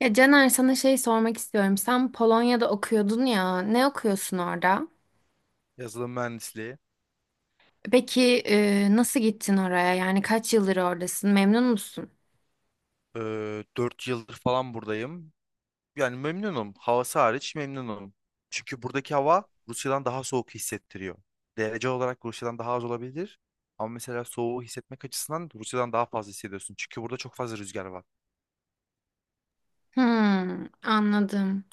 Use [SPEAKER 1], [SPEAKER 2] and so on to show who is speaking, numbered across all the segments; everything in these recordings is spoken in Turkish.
[SPEAKER 1] Ya Caner sana şey sormak istiyorum. Sen Polonya'da okuyordun ya. Ne okuyorsun orada?
[SPEAKER 2] Yazılım mühendisliği.
[SPEAKER 1] Peki nasıl gittin oraya? Yani kaç yıldır oradasın? Memnun musun?
[SPEAKER 2] 4 yıldır falan buradayım. Yani memnunum. Havası hariç memnunum. Çünkü buradaki hava Rusya'dan daha soğuk hissettiriyor. Derece olarak Rusya'dan daha az olabilir. Ama mesela soğuğu hissetmek açısından Rusya'dan daha fazla hissediyorsun. Çünkü burada çok fazla rüzgar var.
[SPEAKER 1] Hmm, anladım.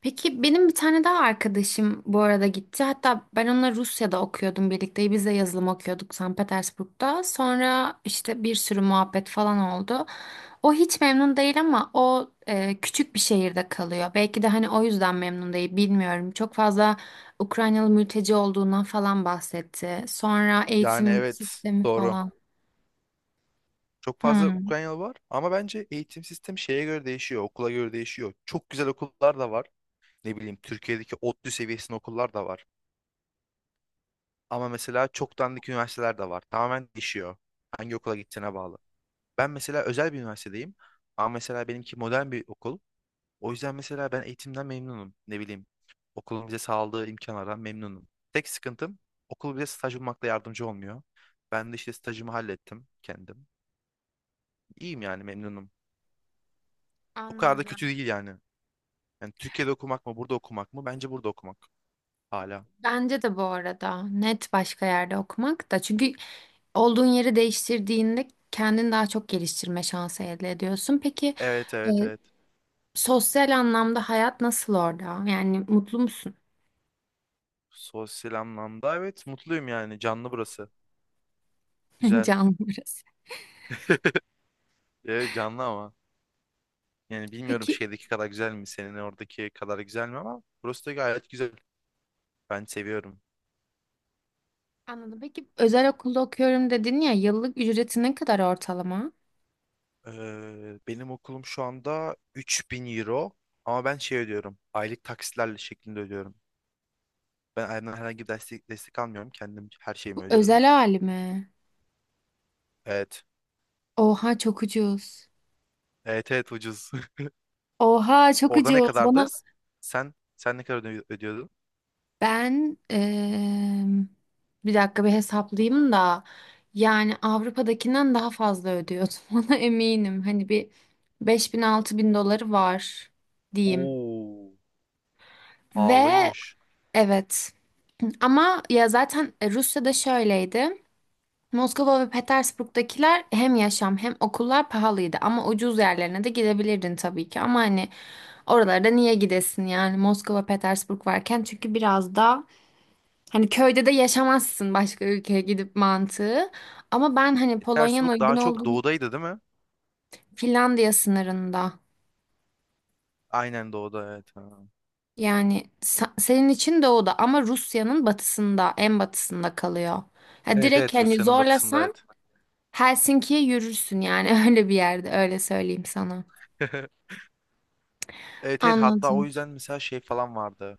[SPEAKER 1] Peki benim bir tane daha arkadaşım bu arada gitti. Hatta ben onunla Rusya'da okuyordum birlikte. Biz de yazılım okuyorduk Sankt Petersburg'da. Sonra işte bir sürü muhabbet falan oldu. O hiç memnun değil ama o küçük bir şehirde kalıyor. Belki de hani o yüzden memnun değil, bilmiyorum. Çok fazla Ukraynalı mülteci olduğundan falan bahsetti. Sonra
[SPEAKER 2] Yani
[SPEAKER 1] eğitim
[SPEAKER 2] evet,
[SPEAKER 1] sistemi
[SPEAKER 2] doğru.
[SPEAKER 1] falan.
[SPEAKER 2] Çok fazla
[SPEAKER 1] Hmm.
[SPEAKER 2] Ukraynalı var ama bence eğitim sistemi şeye göre değişiyor, okula göre değişiyor. Çok güzel okullar da var. Ne bileyim, Türkiye'deki ODTÜ seviyesinde okullar da var. Ama mesela çok dandik üniversiteler de var. Tamamen değişiyor. Hangi okula gideceğine bağlı. Ben mesela özel bir üniversitedeyim. Ama mesela benimki modern bir okul. O yüzden mesela ben eğitimden memnunum. Ne bileyim. Okulun bize sağladığı imkanlardan memnunum. Tek sıkıntım, okul bize staj bulmakta yardımcı olmuyor. Ben de işte stajımı hallettim kendim. İyiyim yani, memnunum. O kadar da kötü
[SPEAKER 1] Anladım.
[SPEAKER 2] değil yani. Yani Türkiye'de okumak mı, burada okumak mı? Bence burada okumak hala.
[SPEAKER 1] Bence de, bu arada, net başka yerde okumak da, çünkü olduğun yeri değiştirdiğinde kendini daha çok geliştirme şansı elde ediyorsun. Peki,
[SPEAKER 2] Evet,
[SPEAKER 1] e,
[SPEAKER 2] evet, evet.
[SPEAKER 1] sosyal anlamda hayat nasıl orada? Yani mutlu musun?
[SPEAKER 2] Sosyal anlamda evet, mutluyum yani. Canlı burası. Güzel.
[SPEAKER 1] Canlı burası.
[SPEAKER 2] E, canlı ama. Yani bilmiyorum,
[SPEAKER 1] Peki
[SPEAKER 2] şeydeki kadar güzel mi? Senin oradaki kadar güzel mi ama burası da gayet güzel. Ben seviyorum.
[SPEAKER 1] anladım. Peki, özel okulda okuyorum dedin ya, yıllık ücreti ne kadar ortalama?
[SPEAKER 2] Benim okulum şu anda 3.000 euro ama ben şey ödüyorum. Aylık taksitlerle şeklinde ödüyorum. Ben aileden herhangi bir destek almıyorum. Kendim her şeyimi
[SPEAKER 1] Bu
[SPEAKER 2] ödüyorum.
[SPEAKER 1] özel hali mi?
[SPEAKER 2] Evet.
[SPEAKER 1] Oha, çok ucuz.
[SPEAKER 2] Evet evet, ucuz.
[SPEAKER 1] Oha, çok
[SPEAKER 2] Orada ne
[SPEAKER 1] ucuz.
[SPEAKER 2] kadardı?
[SPEAKER 1] Bana,
[SPEAKER 2] Sen ne kadar ödüyordun?
[SPEAKER 1] ben bir dakika bir hesaplayayım da, yani Avrupa'dakinden daha fazla ödüyordum ona eminim. Hani, bir 5000 bin doları var diyeyim.
[SPEAKER 2] Oo,
[SPEAKER 1] Ve
[SPEAKER 2] pahalıymış.
[SPEAKER 1] evet, ama ya zaten Rusya'da şöyleydi. Moskova ve Petersburg'dakiler hem yaşam hem okullar pahalıydı, ama ucuz yerlerine de gidebilirdin tabii ki. Ama hani oralarda niye gidesin, yani Moskova, Petersburg varken, çünkü biraz da, hani köyde de yaşamazsın başka ülkeye gidip mantığı. Ama ben hani
[SPEAKER 2] E,
[SPEAKER 1] Polonya'nın
[SPEAKER 2] Petersburg
[SPEAKER 1] uygun
[SPEAKER 2] daha çok
[SPEAKER 1] olduğu.
[SPEAKER 2] doğudaydı değil mi?
[SPEAKER 1] Finlandiya sınırında.
[SPEAKER 2] Aynen, doğuda evet. Ha.
[SPEAKER 1] Yani senin için doğuda ama Rusya'nın batısında, en batısında kalıyor. Ha,
[SPEAKER 2] Evet
[SPEAKER 1] direkt
[SPEAKER 2] evet,
[SPEAKER 1] hani
[SPEAKER 2] Rusya'nın batısında
[SPEAKER 1] zorlasan
[SPEAKER 2] evet.
[SPEAKER 1] Helsinki'ye yürürsün yani öyle bir yerde, öyle söyleyeyim sana.
[SPEAKER 2] Evet evet, hatta o
[SPEAKER 1] Anladım.
[SPEAKER 2] yüzden mesela şey falan vardı.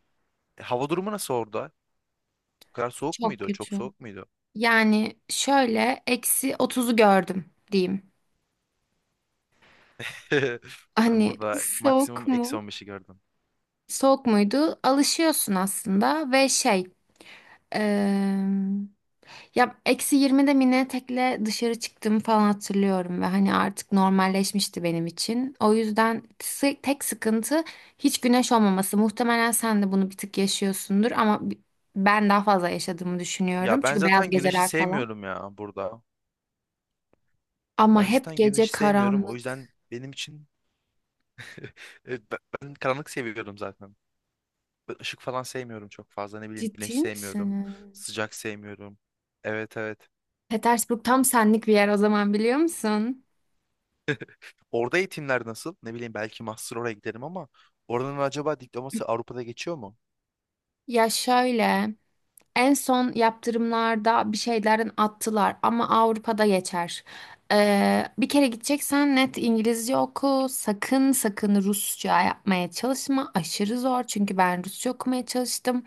[SPEAKER 2] Hava durumu nasıl orada? O kadar soğuk
[SPEAKER 1] Çok
[SPEAKER 2] muydu? Çok
[SPEAKER 1] kötü.
[SPEAKER 2] soğuk muydu?
[SPEAKER 1] Yani şöyle, eksi 30'u gördüm diyeyim.
[SPEAKER 2] Ben
[SPEAKER 1] Hani
[SPEAKER 2] burada
[SPEAKER 1] soğuk
[SPEAKER 2] maksimum eksi
[SPEAKER 1] mu?
[SPEAKER 2] on beş'i gördüm.
[SPEAKER 1] Soğuk muydu? Alışıyorsun aslında ve şey, Eee, ya eksi 20'de mini etekle dışarı çıktığımı falan hatırlıyorum ve hani artık normalleşmişti benim için. O yüzden tek sıkıntı, hiç güneş olmaması. Muhtemelen sen de bunu bir tık yaşıyorsundur ama ben daha fazla yaşadığımı düşünüyorum.
[SPEAKER 2] Ya ben
[SPEAKER 1] Çünkü beyaz
[SPEAKER 2] zaten güneşi
[SPEAKER 1] geceler falan.
[SPEAKER 2] sevmiyorum ya burada.
[SPEAKER 1] Ama
[SPEAKER 2] Ben
[SPEAKER 1] hep
[SPEAKER 2] zaten
[SPEAKER 1] gece
[SPEAKER 2] güneşi sevmiyorum. O
[SPEAKER 1] karanlık.
[SPEAKER 2] yüzden benim için evet, ben karanlık seviyorum zaten. Ben ışık falan sevmiyorum çok fazla. Ne bileyim, güneş
[SPEAKER 1] Ciddi misin?
[SPEAKER 2] sevmiyorum. Sıcak sevmiyorum. Evet, evet.
[SPEAKER 1] Petersburg tam senlik bir yer o zaman, biliyor musun?
[SPEAKER 2] Orada eğitimler nasıl? Ne bileyim, belki master oraya giderim ama oranın acaba diploması Avrupa'da geçiyor mu?
[SPEAKER 1] Ya şöyle. En son yaptırımlarda bir şeylerin attılar ama Avrupa'da geçer. Bir kere gideceksen net İngilizce oku. Sakın sakın Rusça yapmaya çalışma. Aşırı zor, çünkü ben Rusça okumaya çalıştım.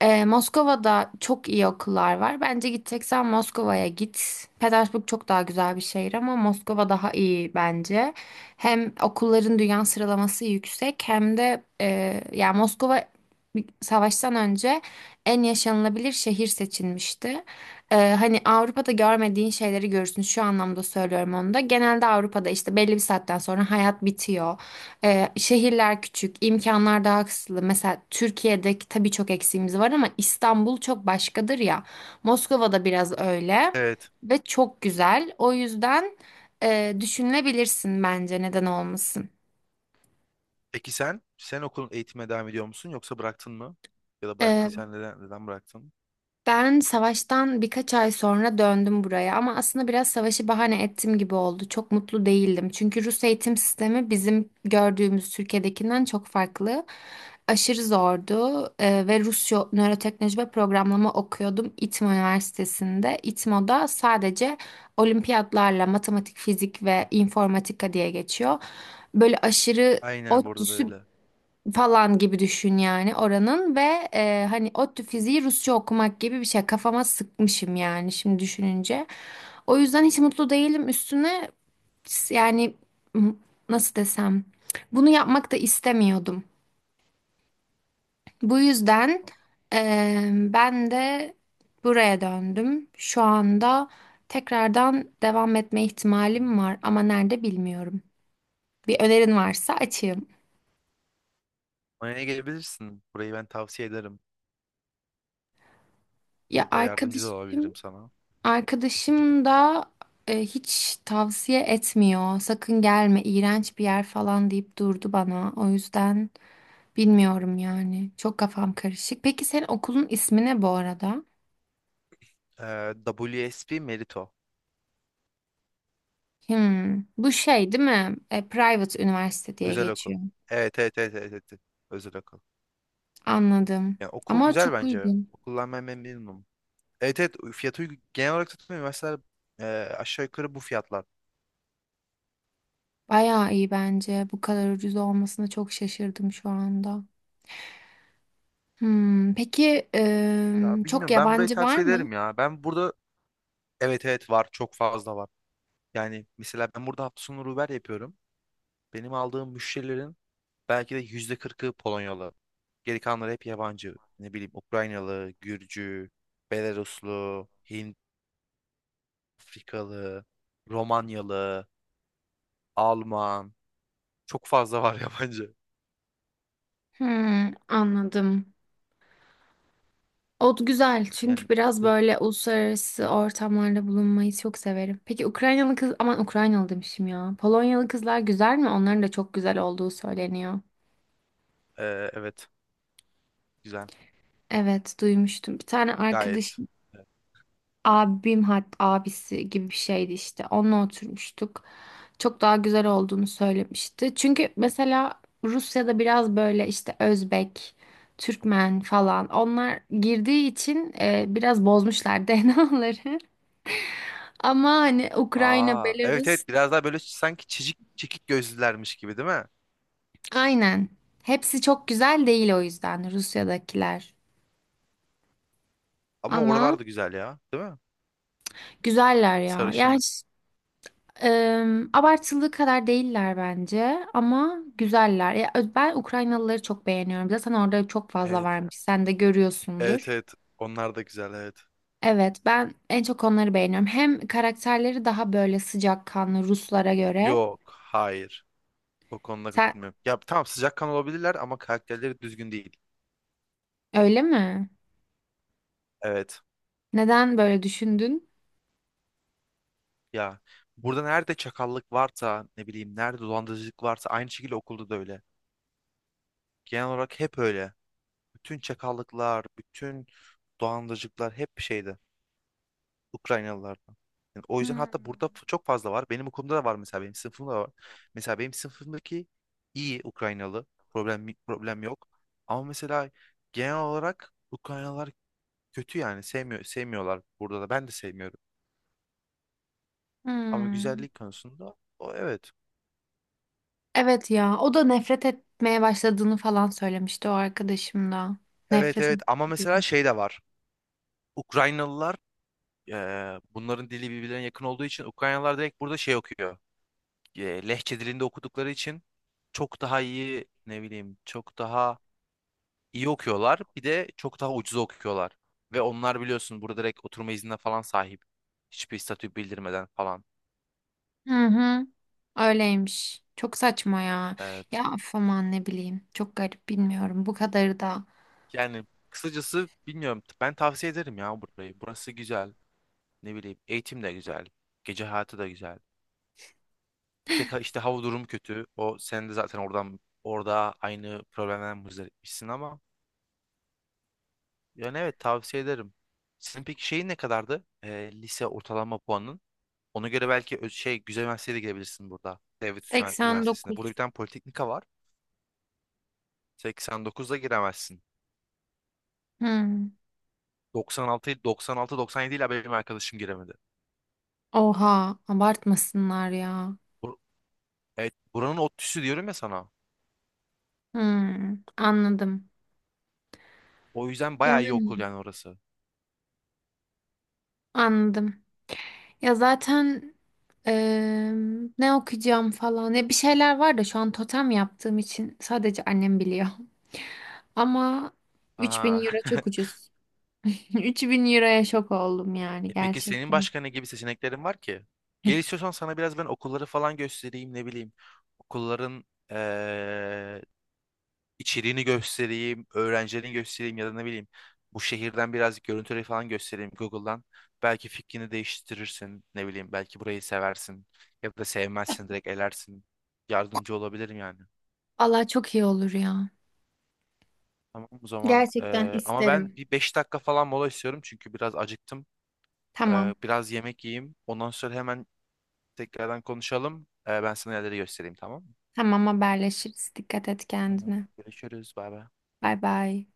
[SPEAKER 1] Moskova'da çok iyi okullar var. Bence gideceksen Moskova'ya git. Petersburg çok daha güzel bir şehir ama Moskova daha iyi bence. Hem okulların dünya sıralaması yüksek hem de, yani Moskova, savaştan önce en yaşanılabilir şehir seçilmişti. Hani Avrupa'da görmediğin şeyleri görürsün. Şu anlamda söylüyorum onu da. Genelde Avrupa'da işte belli bir saatten sonra hayat bitiyor. Şehirler küçük, imkanlar daha kısıtlı. Mesela Türkiye'deki tabii çok eksiğimiz var ama İstanbul çok başkadır ya. Moskova'da biraz öyle
[SPEAKER 2] Evet.
[SPEAKER 1] ve çok güzel. O yüzden düşünülebilirsin bence, neden olmasın.
[SPEAKER 2] Peki sen, sen okulun eğitime devam ediyor musun yoksa bıraktın mı? Ya da
[SPEAKER 1] Ee,
[SPEAKER 2] bıraktıysan neden, neden bıraktın?
[SPEAKER 1] Ben savaştan birkaç ay sonra döndüm buraya, ama aslında biraz savaşı bahane ettim gibi oldu. Çok mutlu değildim. Çünkü Rus eğitim sistemi bizim gördüğümüz Türkiye'dekinden çok farklı. Aşırı zordu. Ve Rusya, nöroteknoloji ve programlama okuyordum İTMO Üniversitesi'nde. İTMO'da sadece olimpiyatlarla matematik, fizik ve informatika diye geçiyor. Böyle aşırı
[SPEAKER 2] Aynen, burada da
[SPEAKER 1] ODTÜ'sü
[SPEAKER 2] öyle.
[SPEAKER 1] falan gibi düşün yani oranın. Ve hani ODTÜ fiziği Rusça okumak gibi bir şey, kafama sıkmışım yani şimdi düşününce. O yüzden hiç mutlu değilim üstüne. Yani m- nasıl desem, bunu yapmak da istemiyordum. Bu yüzden
[SPEAKER 2] Aa.
[SPEAKER 1] ben de buraya döndüm. Şu anda tekrardan devam etme ihtimalim var ama nerede, bilmiyorum. Bir önerin varsa açığım.
[SPEAKER 2] Manya'ya gelebilirsin. Burayı ben tavsiye ederim.
[SPEAKER 1] Ya
[SPEAKER 2] Burada yardımcı da
[SPEAKER 1] arkadaşım
[SPEAKER 2] olabilirim sana.
[SPEAKER 1] Arkadaşım da hiç tavsiye etmiyor. Sakın gelme, iğrenç bir yer falan deyip durdu bana. O yüzden bilmiyorum yani. Çok kafam karışık. Peki senin okulun ismi ne bu arada?
[SPEAKER 2] WSP Merito.
[SPEAKER 1] Hmm, bu şey değil mi? Private üniversite diye
[SPEAKER 2] Özel okul.
[SPEAKER 1] geçiyor.
[SPEAKER 2] Evet, evet, evet, evet, evet, evet. Özel okul.
[SPEAKER 1] Anladım.
[SPEAKER 2] Yani okul
[SPEAKER 1] Ama
[SPEAKER 2] güzel
[SPEAKER 1] çok
[SPEAKER 2] bence.
[SPEAKER 1] uygun.
[SPEAKER 2] Okuldan ben memnunum. Evet evet, fiyatı uygun. Genel olarak tutmuyor. Üniversiteler e, aşağı yukarı bu fiyatlar.
[SPEAKER 1] Bayağı iyi bence. Bu kadar ucuz olmasına çok şaşırdım şu anda. Hmm, peki
[SPEAKER 2] Ya
[SPEAKER 1] çok
[SPEAKER 2] bilmiyorum, ben burayı
[SPEAKER 1] yabancı var
[SPEAKER 2] tavsiye
[SPEAKER 1] mı?
[SPEAKER 2] ederim ya. Ben burada evet evet, var, çok fazla var. Yani mesela ben burada hafta sonu Uber yapıyorum. Benim aldığım müşterilerin belki de %40'ı Polonyalı. Geri kalanları hep yabancı. Ne bileyim, Ukraynalı, Gürcü, Belaruslu, Hint, Afrikalı, Romanyalı, Alman. Çok fazla var yabancı.
[SPEAKER 1] Hmm, anladım. O güzel çünkü
[SPEAKER 2] Yani
[SPEAKER 1] biraz böyle uluslararası ortamlarda bulunmayı çok severim. Peki Ukraynalı kız, aman, Ukraynalı demişim ya, Polonyalı kızlar güzel mi? Onların da çok güzel olduğu söyleniyor.
[SPEAKER 2] e, evet, güzel.
[SPEAKER 1] Evet, duymuştum. Bir tane
[SPEAKER 2] Gayet.
[SPEAKER 1] arkadaşım,
[SPEAKER 2] Evet.
[SPEAKER 1] abim hat abisi gibi bir şeydi işte, onunla oturmuştuk. Çok daha güzel olduğunu söylemişti. Çünkü mesela Rusya'da biraz böyle işte Özbek, Türkmen falan onlar girdiği için biraz bozmuşlar DNA'ları. Ama hani Ukrayna,
[SPEAKER 2] Aa, evet
[SPEAKER 1] Belarus,
[SPEAKER 2] evet, biraz daha böyle sanki çizik çekik gözlülermiş gibi değil mi?
[SPEAKER 1] aynen. Hepsi çok güzel değil o yüzden Rusya'dakiler.
[SPEAKER 2] Ama
[SPEAKER 1] Ama
[SPEAKER 2] oralar da güzel ya, değil mi?
[SPEAKER 1] güzeller ya. Yani
[SPEAKER 2] Sarışın.
[SPEAKER 1] hiç, abartılı kadar değiller bence, ama güzeller. Ya, ben Ukraynalıları çok beğeniyorum. Zaten orada çok fazla
[SPEAKER 2] Evet.
[SPEAKER 1] varmış. Sen de
[SPEAKER 2] Evet,
[SPEAKER 1] görüyorsundur.
[SPEAKER 2] evet. Onlar da güzel evet.
[SPEAKER 1] Evet, ben en çok onları beğeniyorum. Hem karakterleri daha böyle sıcakkanlı Ruslara göre.
[SPEAKER 2] Yok. Hayır. O konuda
[SPEAKER 1] Sen,
[SPEAKER 2] katılmıyorum. Ya tamam, sıcakkanlı olabilirler ama karakterleri düzgün değil.
[SPEAKER 1] öyle mi?
[SPEAKER 2] Evet.
[SPEAKER 1] Neden böyle düşündün?
[SPEAKER 2] Ya, burada nerede çakallık varsa, ne bileyim nerede dolandırıcılık varsa, aynı şekilde okulda da öyle. Genel olarak hep öyle. Bütün çakallıklar, bütün dolandırıcılıklar hep şeyde. Ukraynalılardan. Yani o yüzden,
[SPEAKER 1] Hmm.
[SPEAKER 2] hatta burada çok fazla var. Benim okulumda da var, mesela benim sınıfımda da var. Mesela benim sınıfımdaki iyi Ukraynalı, problem yok. Ama mesela genel olarak Ukraynalılar kötü yani, sevmiyorlar burada da, ben de sevmiyorum. Ama
[SPEAKER 1] Hmm.
[SPEAKER 2] güzellik konusunda, o evet.
[SPEAKER 1] Evet ya, o da nefret etmeye başladığını falan söylemişti o arkadaşım da.
[SPEAKER 2] Evet
[SPEAKER 1] Nefret
[SPEAKER 2] evet, ama mesela
[SPEAKER 1] ediyorum.
[SPEAKER 2] şey de var. Ukraynalılar, bunların dili birbirlerine yakın olduğu için Ukraynalılar direkt burada şey okuyor. Lehçe dilinde okudukları için çok daha iyi, ne bileyim çok daha iyi okuyorlar. Bir de çok daha ucuza okuyorlar. Ve onlar biliyorsun, burada direkt oturma iznine falan sahip. Hiçbir statü bildirmeden falan.
[SPEAKER 1] Hı hı, öyleymiş. Çok saçma ya.
[SPEAKER 2] Evet.
[SPEAKER 1] Ya, of, aman, ne bileyim. Çok garip, bilmiyorum. Bu kadarı da.
[SPEAKER 2] Yani kısacası bilmiyorum. Ben tavsiye ederim ya burayı. Burası güzel. Ne bileyim, eğitim de güzel. Gece hayatı da güzel. Tek işte hava durumu kötü. O, sen de zaten orada aynı problemden muzdaripmişsin ama yani evet, tavsiye ederim. Senin peki şeyin ne kadardı? Lise ortalama puanın? Ona göre belki şey, güzel üniversiteye de girebilirsin burada. Devlet Üniversitesi'nde. Burada bir
[SPEAKER 1] 89.
[SPEAKER 2] tane politeknika var. 89'da giremezsin.
[SPEAKER 1] Hı.
[SPEAKER 2] 96, 96, 97 ile benim arkadaşım giremedi.
[SPEAKER 1] Oha, abartmasınlar ya.
[SPEAKER 2] Bur- evet, buranın ODTÜ'sü diyorum ya sana.
[SPEAKER 1] Hı, anladım.
[SPEAKER 2] O yüzden bayağı iyi
[SPEAKER 1] Yani,
[SPEAKER 2] okul yani orası.
[SPEAKER 1] anladım. Ya zaten eee, ne okuyacağım falan. Ya bir şeyler var da şu an totem yaptığım için sadece annem biliyor. Ama 3000
[SPEAKER 2] Aha.
[SPEAKER 1] euro çok ucuz. 3000 euroya şok oldum yani,
[SPEAKER 2] E peki senin
[SPEAKER 1] gerçekten.
[SPEAKER 2] başka ne gibi seçeneklerin var ki? Gel, istiyorsan sana biraz ben okulları falan göstereyim, ne bileyim. Okulların eee, içeriğini göstereyim, öğrencilerini göstereyim ya da ne bileyim bu şehirden birazcık görüntüleri falan göstereyim Google'dan. Belki fikrini değiştirirsin, ne bileyim belki burayı seversin ya da sevmezsin, direkt elersin. Yardımcı olabilirim yani.
[SPEAKER 1] Allah, çok iyi olur ya.
[SPEAKER 2] Tamam o zaman,
[SPEAKER 1] Gerçekten
[SPEAKER 2] ama ben
[SPEAKER 1] isterim.
[SPEAKER 2] bir 5 dakika falan mola istiyorum çünkü biraz acıktım.
[SPEAKER 1] Tamam.
[SPEAKER 2] Biraz yemek yiyeyim. Ondan sonra hemen tekrardan konuşalım. Ben sana yerleri göstereyim, tamam mı?
[SPEAKER 1] Tamam, haberleşiriz. Dikkat et
[SPEAKER 2] Tamam.
[SPEAKER 1] kendine.
[SPEAKER 2] Görüşürüz. Bay bay.
[SPEAKER 1] Bay bay.